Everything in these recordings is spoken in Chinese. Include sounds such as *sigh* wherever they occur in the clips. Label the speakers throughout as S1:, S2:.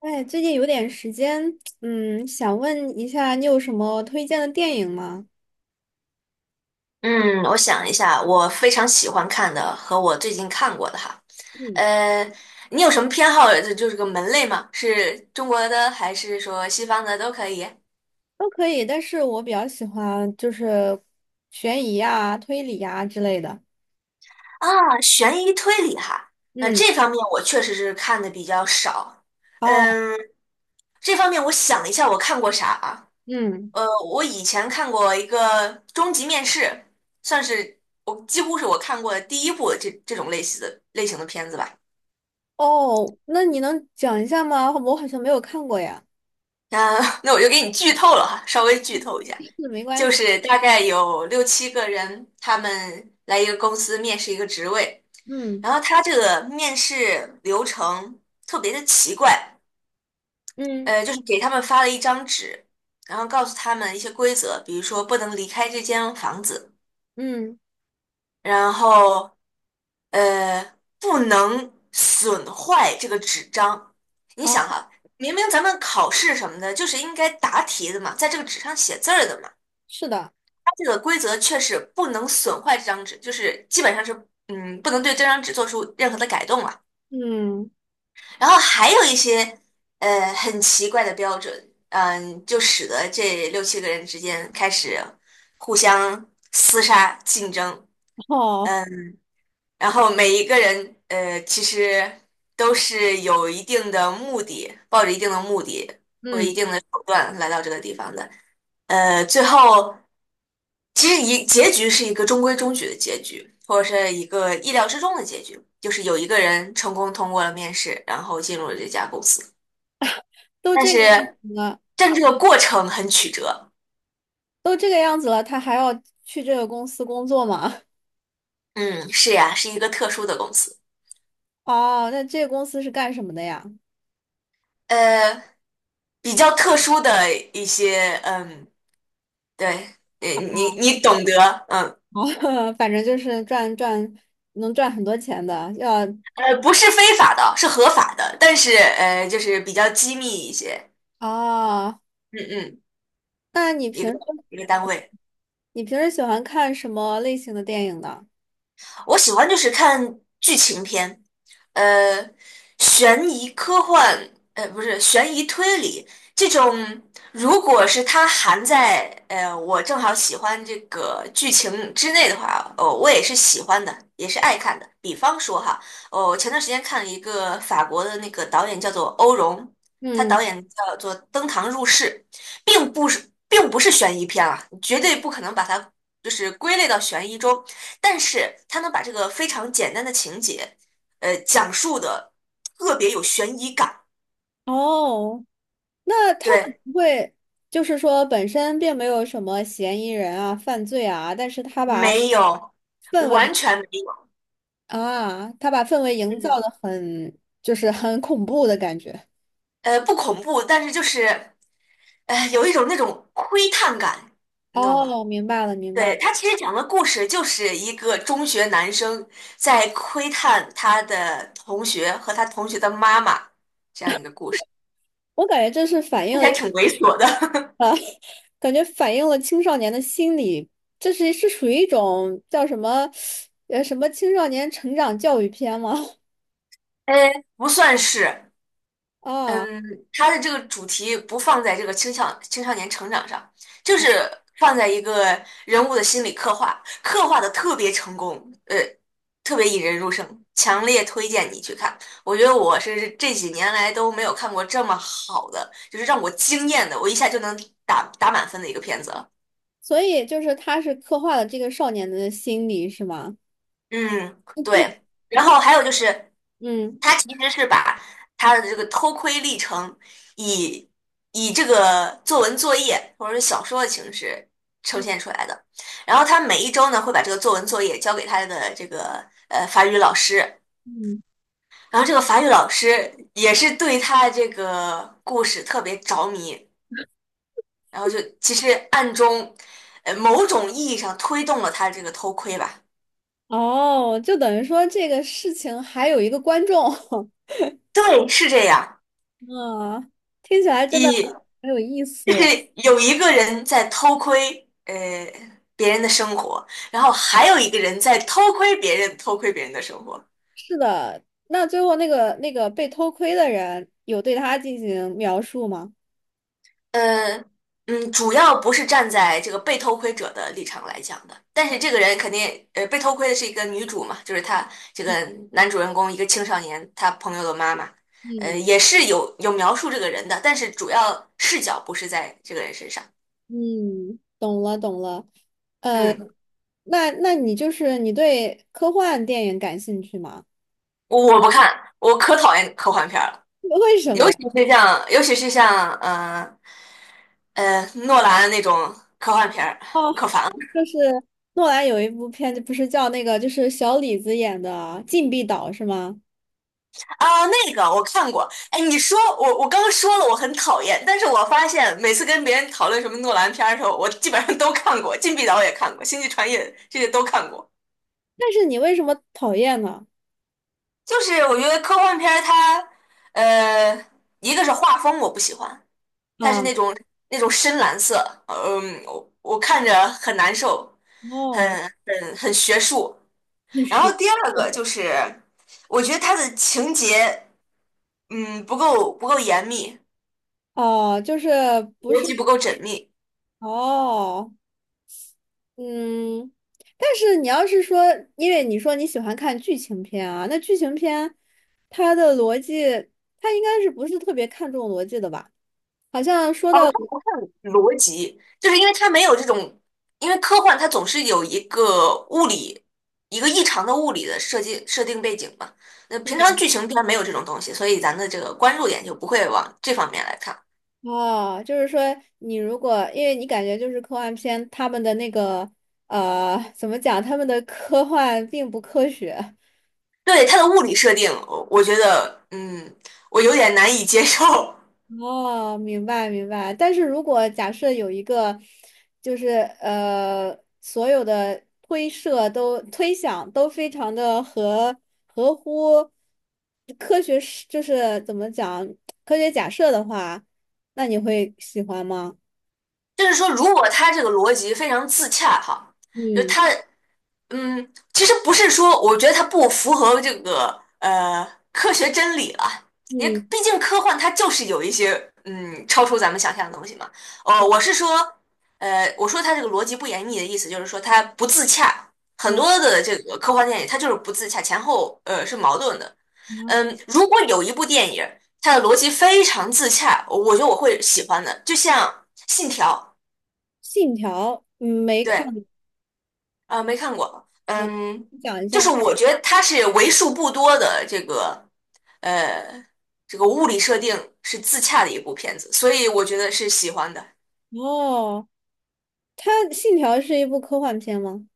S1: 哎，最近有点时间，想问一下，你有什么推荐的电影吗？
S2: 嗯，我想一下，我非常喜欢看的和我最近看过的哈，
S1: 嗯。
S2: 呃，你有什么偏好？就是个门类吗？是中国的还是说西方的都可以？
S1: 都可以，但是我比较喜欢就是悬疑啊、推理啊之类的。
S2: 啊，悬疑推理哈，那
S1: 嗯。
S2: 这方面我确实是看的比较少。
S1: 哦。
S2: 嗯，这方面我想了一下，我看过啥啊？
S1: 嗯。
S2: 我以前看过一个《终极面试》，算是我几乎是我看过的第一部这种类似的类型的片子吧。
S1: 哦，那你能讲一下吗？我好像没有看过呀。
S2: 那我就给你剧透了哈，稍微剧透一
S1: *laughs*
S2: 下，
S1: 是，没关
S2: 就
S1: 系。
S2: 是大概有六七个人，他们来一个公司面试一个职位，
S1: 嗯
S2: 然后他这个面试流程特别的奇怪，
S1: 嗯
S2: 就是给他们发了一张纸，然后告诉他们一些规则，比如说不能离开这间房子，
S1: 嗯。
S2: 然后不能损坏这个纸张。你想
S1: 好。
S2: 哈、明明咱们考试什么的，就是应该答题的嘛，在这个纸上写字儿的嘛。
S1: 是的。
S2: 这个规则确实不能损坏这张纸，就是基本上是嗯，不能对这张纸做出任何的改动了。
S1: 嗯。
S2: 然后还有一些很奇怪的标准，嗯，就使得这六七个人之间开始互相厮杀竞争，
S1: *laughs* 哦。
S2: 然后每一个人其实都是有一定的目的，抱着一定的目的或者一
S1: 嗯。
S2: 定的手段来到这个地方的，最后。其实一结局是一个中规中矩的结局，或者是一个意料之中的结局，就是有一个人成功通过了面试，然后进入了这家公司。
S1: 都
S2: 但
S1: 这个样子
S2: 是，
S1: 了，
S2: 但这个过程很曲折。
S1: 都这个样子了，他还要去这个公司工作吗？
S2: 嗯，是呀，是一个特殊的公司，
S1: 哦，那这个公司是干什么的呀？
S2: 呃，比较特殊的一些，嗯，对，你懂得，嗯，
S1: 哦，*laughs* 反正就是赚赚，能赚很多钱的。要
S2: 不是非法的，是合法的，但是就是比较机密一些。
S1: 哦，
S2: 嗯嗯，
S1: 那你平
S2: 一个
S1: 时
S2: 一个单位。
S1: 你平时喜欢看什么类型的电影呢？
S2: 我喜欢就是看剧情片，呃，悬疑科幻，不是悬疑推理这种。如果是它含在我正好喜欢这个剧情之内的话，哦，我也是喜欢的，也是爱看的。比方说哈，哦，我前段时间看了一个法国的那个导演叫做欧容，他
S1: 嗯。
S2: 导演叫做《登堂入室》，并不是悬疑片啊，绝对不可能把它就是归类到悬疑中。但是他能把这个非常简单的情节，讲述的特别有悬疑感。
S1: 哦，那他不
S2: 对，
S1: 会就是说本身并没有什么嫌疑人啊、犯罪啊，但是他把
S2: 没有，
S1: 氛
S2: 完
S1: 围
S2: 全没有。
S1: 啊，他把氛围营造
S2: 嗯，
S1: 的很就是很恐怖的感觉。
S2: 不恐怖，但是就是，有一种那种窥探感，你懂吗？
S1: 哦，明白了，明白
S2: 对，
S1: 了。
S2: 他其实讲的故事就是一个中学男生在窥探他的同学和他同学的妈妈这样一个故事，
S1: 我感觉这是反映
S2: 看起
S1: 了。
S2: 来
S1: 一。
S2: 挺猥琐的。*laughs*
S1: 感觉反映了青少年的心理，这是是属于一种叫什么，什么青少年成长教育片吗？
S2: 不算是，
S1: *laughs* 啊。
S2: 嗯，它的这个主题不放在这个青少年成长上，就是放在一个人物的心理刻画，刻画的特别成功，呃，特别引人入胜，强烈推荐你去看。我觉得我是这几年来都没有看过这么好的，就是让我惊艳的，我一下就能打满分的一个片子了。
S1: 所以就是他是刻画了这个少年的心理，是吗？
S2: 嗯，对。然后还有就是，
S1: 嗯
S2: 他其实是把他的这个偷窥历程以以这个作文作业或者是小说的形式呈现出来的。然后他每一周呢会把这个作文作业交给他的这个法语老师，
S1: 嗯。
S2: 然后这个法语老师也是对他这个故事特别着迷，然后就其实暗中某种意义上推动了他这个偷窥吧。
S1: 哦，就等于说这个事情还有一个观众。
S2: 对，是这样。
S1: *laughs* 啊，听起来真的
S2: 以
S1: 很有意
S2: 就
S1: 思
S2: 是
S1: 呀。
S2: 有一个人在偷窥别人的生活，然后还有一个人在偷窥别人偷窥别人的生活。
S1: 是的，那最后那个那个被偷窥的人有对他进行描述吗？
S2: 呃，嗯，主要不是站在这个被偷窥者的立场来讲的，但是这个人肯定被偷窥的是一个女主嘛，就是她这个男主人公一个青少年，他朋友的妈妈，
S1: 嗯
S2: 也是有描述这个人的，但是主要视角不是在这个人身上。
S1: 嗯，懂了懂了。呃，
S2: 嗯，
S1: 那那你就是你对科幻电影感兴趣吗？
S2: 我不看，我可讨厌科幻片儿了。
S1: *laughs* 为什
S2: 尤
S1: 么呀？
S2: 其是像，尤其是像，诺兰那种科幻片儿，
S1: 哦，
S2: 可烦了
S1: 就是诺兰有一部片子，不是叫那个就是小李子演的《禁闭岛》是吗？
S2: 啊！那个我看过，哎，你说我刚说了我很讨厌，但是我发现每次跟别人讨论什么诺兰片儿的时候，我基本上都看过，《禁闭岛》也看过，《星际穿越》这些都看过。
S1: 但是你为什么讨厌呢？
S2: 就是我觉得科幻片儿它，呃，一个是画风我不喜欢，它是
S1: 啊。
S2: 那种深蓝色，嗯，我看着很难受，
S1: 哦。
S2: 很很学术。
S1: *laughs* 很
S2: 然后
S1: 实。
S2: 第二个就是，我觉得它的情节，嗯，不够严密，
S1: 哦，就是不
S2: 逻
S1: 是
S2: 辑不够缜密。
S1: 哦。嗯。但是你要是说，因为你说你喜欢看剧情片啊，那剧情片它的逻辑，它应该是不是特别看重逻辑的吧？好像说
S2: 哦，
S1: 到
S2: 它不看逻辑，就是因为它没有这种，因为科幻它总是有一个物理，一个异常的物理的设定背景嘛。那平常剧情片没有这种东西，所以咱的这个关注点就不会往这方面来看。
S1: 哦，就是说你如果，因为你感觉就是科幻片，他们的那个怎么讲，他们的科幻并不科学。
S2: 对，它的物理设定，我觉得，嗯，我有点难以接受。*laughs*
S1: 哦，明白明白。但是如果假设有一个，就是呃，所有的推设都推想都非常的合合乎科学是，就是怎么讲科学假设的话，那你会喜欢吗？
S2: 就是说，如果它这个逻辑非常自洽哈。就
S1: 嗯
S2: 他嗯，其实不是说，我觉得它不符合这个科学真理了，也
S1: 嗯。
S2: 毕竟科幻它就是有一些嗯超出咱们想象的东西嘛。哦，我是说，我说它这个逻辑不严密的意思就是说它不自洽，很多
S1: 然
S2: 的这个科幻电影它就是不自洽，前后是矛盾的。嗯，
S1: 后
S2: 如果有一部电影它的逻辑非常自洽，我觉得我会喜欢的，就像《信条》
S1: 信条嗯没看
S2: 对。
S1: 过，
S2: 啊，没看过，嗯，
S1: 你讲一
S2: 就是
S1: 下。
S2: 我觉得它是为数不多的这个呃这个物理设定是自洽的一部片子，所以我觉得是喜欢的。
S1: 哦，它信条是一部科幻片吗？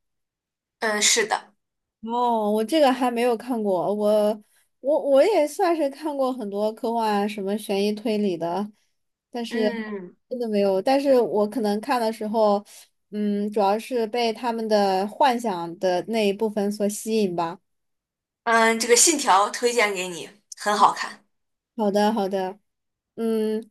S2: 嗯，是的，
S1: 哦，我这个还没有看过，我我我也算是看过很多科幻啊什么悬疑推理的，但是
S2: 嗯
S1: 真的没有。但是我可能看的时候，嗯，主要是被他们的幻想的那一部分所吸引吧。
S2: 嗯，这个《信条》推荐给你，很好看。
S1: 好的，好的。嗯。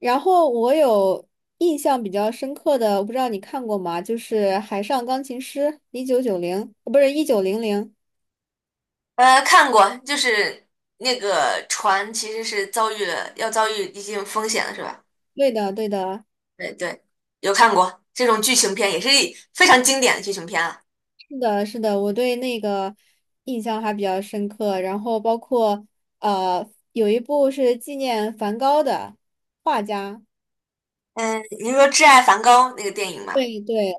S1: 然后我有印象比较深刻的，我不知道你看过吗？就是《海上钢琴师》，1990，不是1900。
S2: 看过，就是那个船其实是遭遇了要遭遇一定风险了，是吧？
S1: 对的，对的。
S2: 对对，有看过这种剧情片，也是非常经典的剧情片啊。
S1: 是的，是的，我对那个印象还比较深刻。然后包括呃，有一部是纪念梵高的画家。
S2: 嗯，你说《挚爱梵高》那个电影吗？
S1: 对对。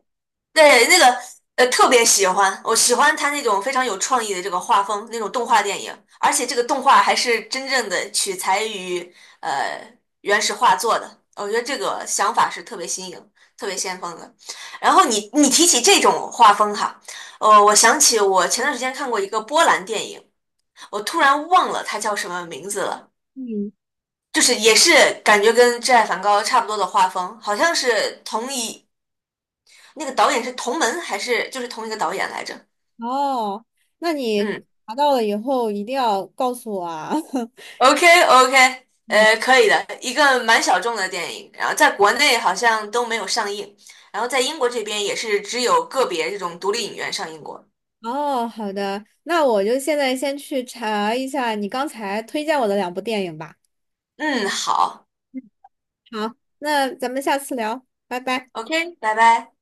S2: 对，那个特别喜欢，我喜欢他那种非常有创意的这个画风，那种动画电影，而且这个动画还是真正的取材于呃原始画作的，我觉得这个想法是特别新颖、特别先锋的。然后你提起这种画风哈，我想起我前段时间看过一个波兰电影，我突然忘了它叫什么名字了，
S1: 嗯。
S2: 就是也是感觉跟《挚爱梵高》差不多的画风，好像是同一。那个导演是同门还是就是同一个导演来着？
S1: 哦，那你
S2: 嗯
S1: 查到了以后一定要告诉我啊。*laughs*
S2: ，OK OK,
S1: 嗯。
S2: 可以的，一个蛮小众的电影，然后在国内好像都没有上映，然后在英国这边也是只有个别这种独立影院上映过。
S1: 哦，好的，那我就现在先去查一下你刚才推荐我的两部电影吧。
S2: 嗯，好
S1: 好，那咱们下次聊，拜拜。
S2: ，OK,拜拜。